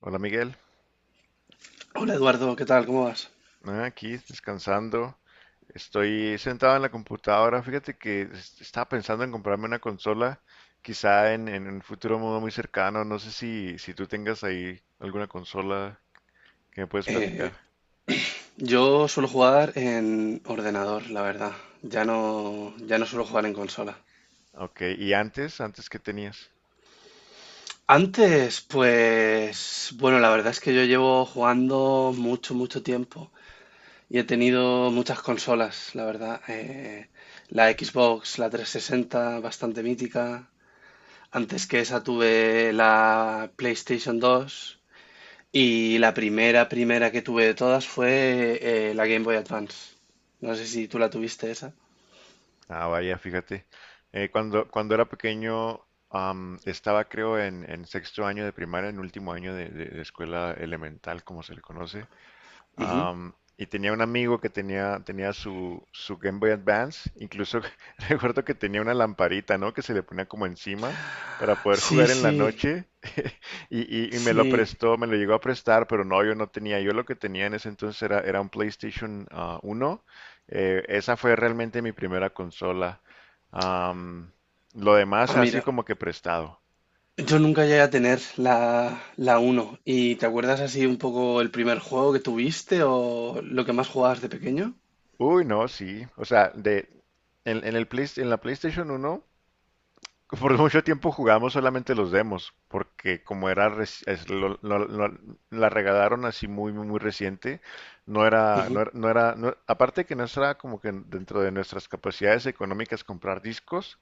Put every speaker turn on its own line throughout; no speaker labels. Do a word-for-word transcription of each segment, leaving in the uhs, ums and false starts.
Hola Miguel.
Hola Eduardo, ¿qué tal? ¿Cómo vas?
Ah, aquí descansando. Estoy sentado en la computadora. Fíjate que es- estaba pensando en comprarme una consola, quizá en, en un futuro muy, muy cercano. No sé si, si tú tengas ahí alguna consola que me puedes
Eh,
platicar.
yo suelo jugar en ordenador, la verdad. Ya no, ya no suelo jugar en consola.
Ok, ¿y antes? ¿Antes qué tenías?
Antes, pues, bueno, la verdad es que yo llevo jugando mucho, mucho tiempo y he tenido muchas consolas, la verdad. Eh, la Xbox, la tres sesenta, bastante mítica. Antes que esa tuve la PlayStation dos. Y la primera, primera que tuve de todas fue eh, la Game Boy Advance. No sé si tú la tuviste esa.
Ah, vaya, fíjate. Eh, cuando, cuando era pequeño, am, estaba creo en, en sexto año de primaria, en último año de de- de escuela elemental, como se le conoce.
Ujú.
Am, y tenía un amigo que tenía, tenía su, su Game Boy Advance, incluso recuerdo que tenía una lamparita, ¿no? Que se le ponía como encima para poder
Sí,
jugar en la
sí,
noche. Y, y- y me lo
sí.
prestó, me lo llegó a prestar, pero no, yo no tenía. Yo lo que tenía en ese entonces era, era un PlayStation ah, uno. Eh, esa fue realmente mi primera consola. Am, lo demás
Ah,
ha sido
mira,
como que prestado.
yo nunca llegué a tener la, la uno. ¿Y te acuerdas así un poco el primer juego que tuviste o lo que más jugabas de pequeño?
Uy, no, sí. O sea, de, en, en el Play- en la PlayStation uno por mucho tiempo jugamos solamente los demos, porque como era reci- es- lo- lo- lo- la regalaron así muy muy muy reciente, no era no
Ujú.
era, no era- no- aparte que no era como que dentro de nuestras capacidades económicas comprar discos.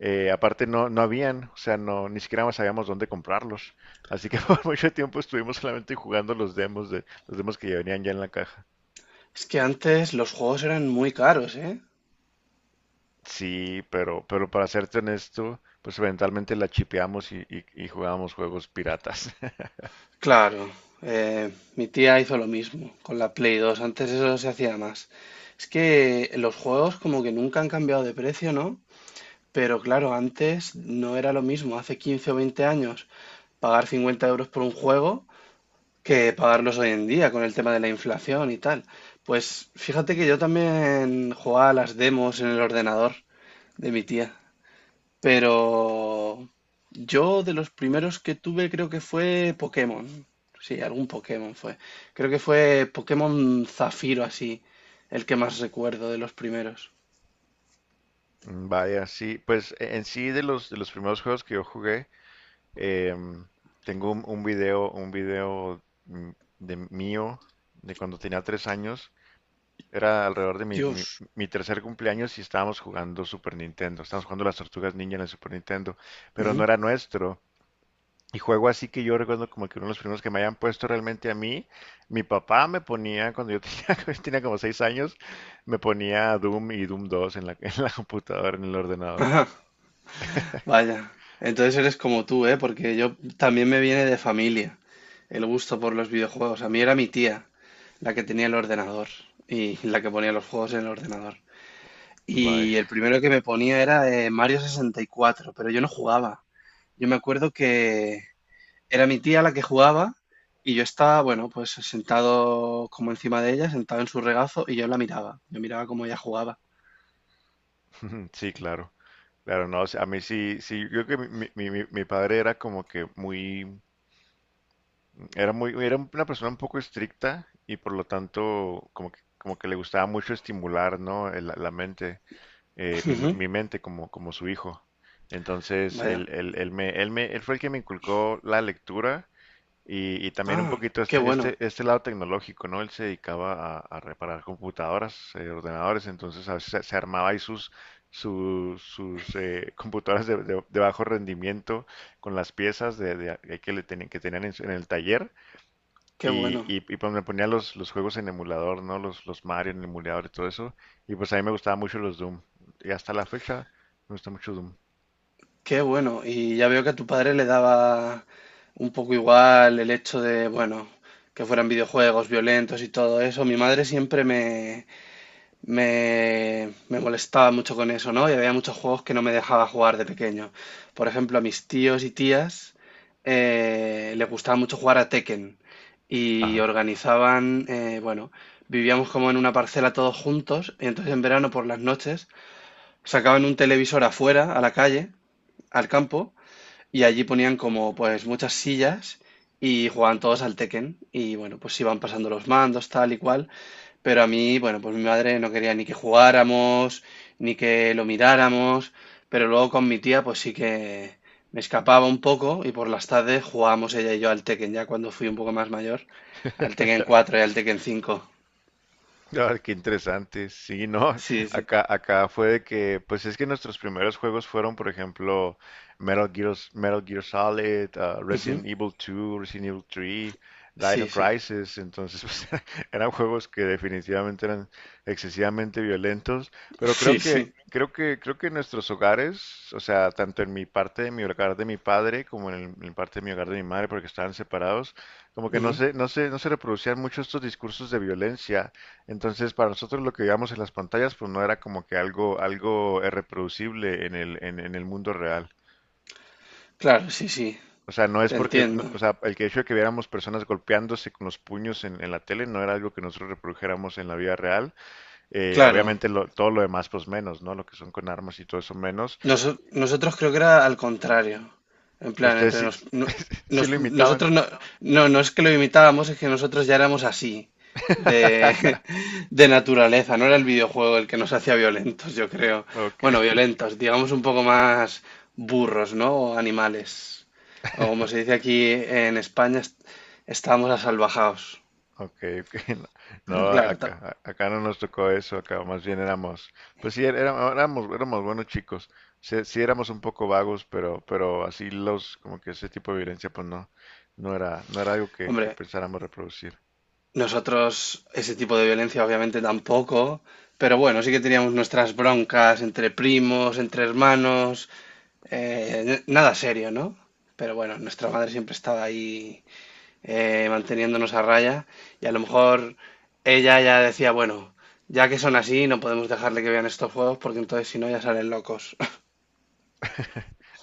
Eh, aparte no no habían, o sea, no ni siquiera sabíamos dónde comprarlos, así que por mucho tiempo estuvimos solamente jugando los demos de los demos que ya venían ya en la caja.
Es que antes los juegos eran muy caros, ¿eh?
Sí, pero pero para serte honesto, pues eventualmente la chipeamos y, y, y jugábamos juegos piratas.
Claro, eh, mi tía hizo lo mismo con la Play dos antes eso se hacía más. Es que los juegos como que nunca han cambiado de precio, ¿no? Pero claro, antes no era lo mismo, hace quince o veinte años, pagar cincuenta euros por un juego que pagarlos hoy en día con el tema de la inflación y tal. Pues fíjate que yo también jugaba a las demos en el ordenador de mi tía, pero yo de los primeros que tuve creo que fue Pokémon. Sí, algún Pokémon fue. Creo que fue Pokémon Zafiro así, el que más recuerdo de los primeros.
Mm, vaya, sí, pues e- en sí de los de los primeros juegos que yo jugué, em, tengo un, un video, un video mm, de mío de cuando tenía tres años. Era alrededor de mi, mi,
Dios.
mi tercer cumpleaños y estábamos jugando Super Nintendo. Estábamos jugando las Tortugas Ninja en el Super Nintendo, pero no
Ujú.
era nuestro. Y juego así que yo recuerdo como que uno de los primeros que me hayan puesto realmente a mí, mi papá me ponía cuando yo tenía, yo tenía como seis años, me ponía Doom y Doom dos en la, en la computadora, en el ordenador.
Ajá. Vaya, entonces eres como tú, ¿eh? Porque yo también me viene de familia el gusto por los videojuegos. A mí era mi tía la que tenía el ordenador y la que ponía los juegos en el ordenador.
Bye.
Y el primero que me ponía era eh, Mario sesenta y cuatro, pero yo no jugaba. Yo me acuerdo que era mi tía la que jugaba y yo estaba, bueno, pues sentado como encima de ella, sentado en su regazo y yo la miraba. Yo miraba cómo ella jugaba.
Sí, claro. Claro, no, a mí sí, sí, yo creo que mi, mi- mi- mi padre era como que muy, era muy, era una persona un poco estricta y por lo tanto como que, como que le gustaba mucho estimular, ¿no? el- La mente, eh, mi,
Ujú.
mi mente como, como su hijo. Entonces,
Vaya.
él, él, él me, él me, él fue el que me inculcó la lectura. Y, y también un
Ah,
poquito
qué
este, este,
bueno,
este lado tecnológico, ¿no? Él se dedicaba a, a reparar computadoras, eh, ordenadores, entonces a veces se, se armaba ahí sus, sus, sus eh, computadoras de, de- de bajo rendimiento con las piezas de, de- de que, le tenían, que tenían en, su- en el taller
qué
y,
bueno.
y, y pues me ponía los, los juegos en emulador, ¿no? Los, los Mario en emulador y todo eso. Y pues a mí me gustaban mucho los Doom. Y hasta la fecha me gusta mucho Doom.
Qué bueno, y ya veo que a tu padre le daba un poco igual el hecho de, bueno, que fueran videojuegos violentos y todo eso. Mi madre siempre me, me, me molestaba mucho con eso, ¿no? Y había muchos juegos que no me dejaba jugar de pequeño. Por ejemplo, a mis tíos y tías eh, les gustaba mucho jugar a Tekken y
Ajá.
organizaban, eh, bueno, vivíamos como en una parcela todos juntos y entonces en verano por las noches sacaban un televisor afuera, a la calle, al campo y allí ponían como pues muchas sillas y jugaban todos al Tekken. Y bueno, pues iban pasando los mandos, tal y cual. Pero a mí, bueno, pues mi madre no quería ni que jugáramos, ni que lo miráramos. Pero luego con mi tía, pues sí que me escapaba un poco y por las tardes jugábamos ella y yo al Tekken, ya cuando fui un poco más mayor, al Tekken cuatro y al Tekken cinco.
Ah, qué interesante. Sí, no,
Sí, sí.
acá, acá fue de que, pues es que nuestros primeros juegos fueron, por ejemplo, Metal Gear, Metal Gear Solid, ah,
Ujú.
Resident Evil dos, Resident Evil tres,
Sí,
Dino
sí.
Crisis. Entonces, pues, eran juegos que definitivamente eran excesivamente violentos. Pero
Sí,
creo que,
sí.
creo que, creo que en nuestros hogares, o sea, tanto en mi parte de mi hogar de mi padre como en el, en parte de mi hogar de mi madre, porque estaban separados, como que no
Ujú.
se, no se, no se reproducían mucho estos discursos de violencia. Entonces, para nosotros lo que veíamos en las pantallas, pues no era como que algo, algo eh, reproducible en el, en, en el mundo real.
Claro, sí, sí.
O sea, no es
Te
porque,
entiendo.
no- o sea, el que hecho de que viéramos personas golpeándose con los puños en, en la tele no era algo que nosotros reprodujéramos en la vida real. Eh,
Claro.
obviamente lo- todo lo demás, pues menos, ¿no? Lo que son con armas y todo eso menos.
Noso- nosotros creo que era al contrario. En plan,
Ustedes
entre
sí,
nos, no-
sí lo
nos-
imitaban.
nosotros no, no, no es que lo imitábamos, es que nosotros ya éramos así, de, de naturaleza. No era el videojuego el que nos hacía violentos, yo creo.
Ok.
Bueno, violentos, digamos un poco más burros, ¿no? O animales. O como se dice aquí en España, est- estábamos asalvajados.
Ok, ok. No,
Pero
no,
claro, ta-
acá, a- acá no nos tocó eso, acá más bien éramos, pues sí, era- era- éramos, éramos buenos chicos, sí, sí éramos un poco vagos, pero, pero así los, como que ese tipo de violencia, pues no, no era, no era algo que, que
hombre,
pensáramos reproducir.
nosotros ese tipo de violencia obviamente tampoco, pero bueno, sí que teníamos nuestras broncas entre primos, entre hermanos, eh, n- nada serio, ¿no? Pero bueno, nuestra madre siempre estaba ahí eh, manteniéndonos a raya y a lo mejor ella ya decía, bueno, ya que son así, no podemos dejarle que vean estos juegos porque entonces si no ya salen locos.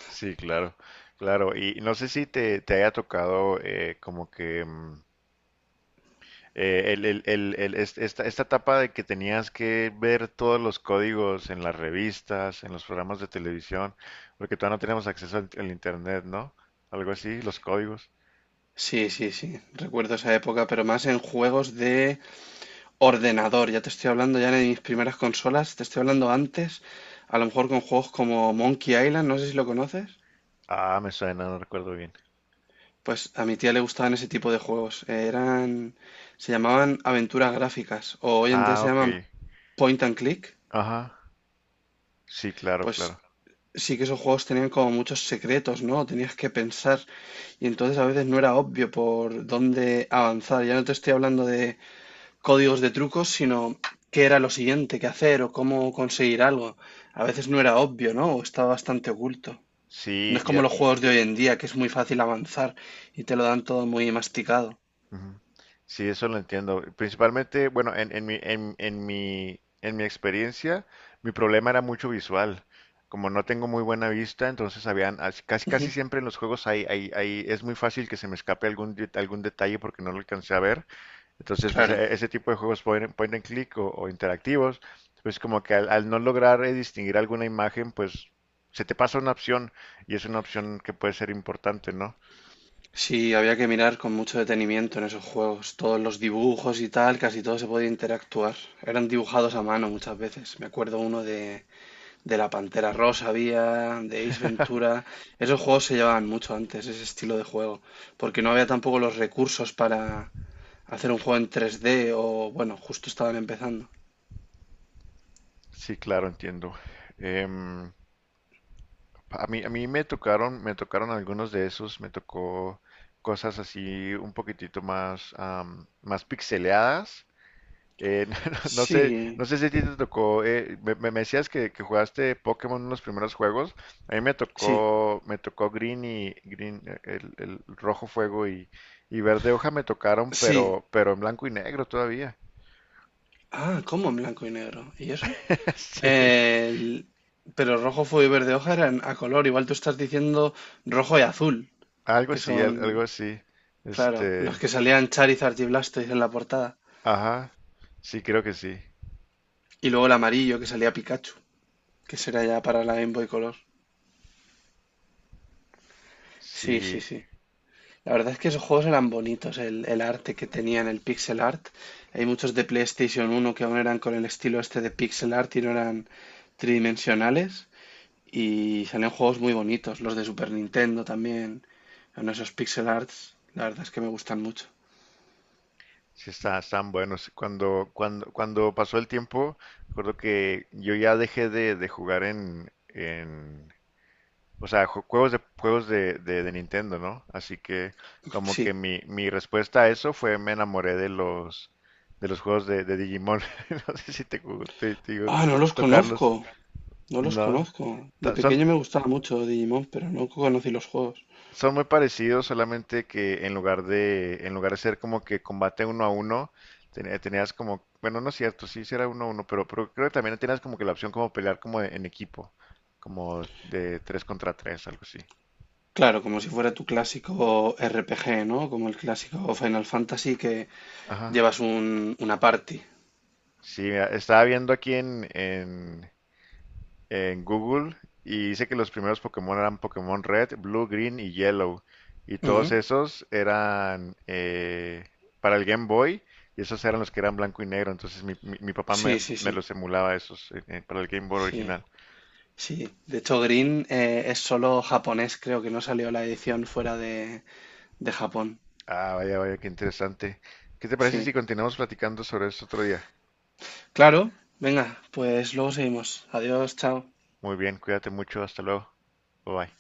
Sí, claro, claro. Y no sé si te, te haya tocado eh, como que mm, eh, el, el- el- el- est- esta, esta etapa de que tenías que ver todos los códigos en las revistas, en los programas de televisión, porque todavía no teníamos acceso al, al internet, ¿no? Algo así, los códigos.
Sí, sí, sí, recuerdo esa época, pero más en juegos de ordenador. Ya te estoy hablando ya de mis primeras consolas, te estoy hablando antes, a lo mejor con juegos como Monkey Island, no sé si lo conoces.
Ah, me suena, no recuerdo bien.
Pues a mi tía le gustaban ese tipo de juegos, eh, eran, se llamaban aventuras gráficas o hoy en día
Ah,
se
ok.
llaman point and click.
Ajá. Sí, claro,
Pues
claro.
sí que esos juegos tenían como muchos secretos, ¿no? Tenías que pensar y entonces a veces no era obvio por dónde avanzar. Ya no te estoy hablando de códigos de trucos, sino qué era lo siguiente que hacer o cómo conseguir algo. A veces no era obvio, ¿no? O estaba bastante oculto. No
Sí,
es como
ya.
los juegos de hoy en día, que es muy fácil avanzar y te lo dan todo muy masticado.
Ujú. Sí, eso lo entiendo. Principalmente, bueno, en, en mi, en, en mi, en mi experiencia, mi problema era mucho visual. Como no tengo muy buena vista, entonces habían, as- casi, casi
Ujú.
siempre en los juegos hay, hay, hay- es muy fácil que se me escape algún, de- algún detalle porque no lo alcancé a ver. Entonces, pues
Claro,
e- ese tipo de juegos point, and point and click o, o interactivos, pues como que al, al no lograr eh, distinguir alguna imagen, pues se te pasa una opción y es una opción que puede ser importante, ¿no?
sí, había que mirar con mucho detenimiento en esos juegos. Todos los dibujos y tal, casi todo se podía interactuar. Eran dibujados a mano muchas veces. Me acuerdo uno de de la Pantera Rosa había, de Ace Ventura. Esos juegos se llevaban mucho antes, ese estilo de juego, porque no había tampoco los recursos para hacer un juego en tres D o, bueno, justo estaban empezando.
Sí, claro, entiendo. Em, a mí, a mí me tocaron, me tocaron algunos de esos, me tocó cosas así un poquitito más, am, más pixeleadas. Eh, no sé,
Sí,
no sé si a ti te tocó, eh, me, me- me decías que, que jugaste Pokémon en los primeros juegos. A mí me
sí,
tocó, me tocó Green y Green, eh, el, el rojo fuego y, y verde hoja me tocaron,
sí.
pero, pero en blanco y negro todavía.
Ah, ¿cómo en blanco y negro? ¿Y eso?
Sí,
El- Pero rojo, fuego y verde hoja eran a color. Igual tú estás diciendo rojo y azul,
algo
que
así, al- algo
son,
así.
claro, los
Este,
que salían Charizard y Blastoise en la portada.
ajá, sí, creo que sí.
Y luego el amarillo que salía Pikachu, que será ya para la Game Boy Color. Sí, sí,
Sí,
sí. La verdad es que esos juegos eran bonitos, el, el arte que tenían, el pixel art. Hay muchos de PlayStation uno que aún eran con el estilo este de pixel art y no eran tridimensionales. Y salían juegos muy bonitos, los de Super Nintendo también. Son esos pixel arts, la verdad es que me gustan mucho.
sí, está, están buenos. Cuando, cuando, cuando pasó el tiempo, recuerdo que yo ya dejé de, de jugar en, en, o sea, ju- juegos de, juegos de, de, de Nintendo, ¿no? Así que como
Sí.
que mi, mi respuesta a eso fue me enamoré de los, de los juegos de, de Digimon. No sé si te, gu- te- te digo,
Ah, no los
tocarlos.
conozco, no los
No.
conozco. De
Ta- Son,
pequeño me gustaba mucho Digimon, pero no conocí los juegos.
son muy parecidos, solamente que en lugar de, en lugar de ser como que combate uno a uno, ten- tenías como, bueno, no es cierto, sí, sí era uno a uno, pero, pero creo que también tenías como que la opción como pelear como en equipo, como de tres contra tres, algo así.
Claro, como si fuera tu clásico R P G, ¿no? Como el clásico Final Fantasy que
Ajá.
llevas un, una party.
Sí, mira, estaba viendo aquí en, en, en Google y dice que los primeros Pokémon eran Pokémon Red, Blue, Green y Yellow. Y todos
Ujú.
esos eran eh, para el Game Boy y esos eran los que eran blanco y negro. Entonces mi, mi- mi papá
Sí,
me,
sí,
me
sí,
los emulaba esos eh, eh, para el Game Boy
sí,
original.
sí. De hecho, Green eh, es solo japonés, creo que no salió la edición fuera de, de Japón.
Ah, vaya, vaya, qué interesante. ¿Qué te parece
Sí,
si continuamos platicando sobre esto otro día?
claro, venga, pues luego seguimos. Adiós, chao.
Muy bien, cuídate mucho, hasta luego. Bye bye.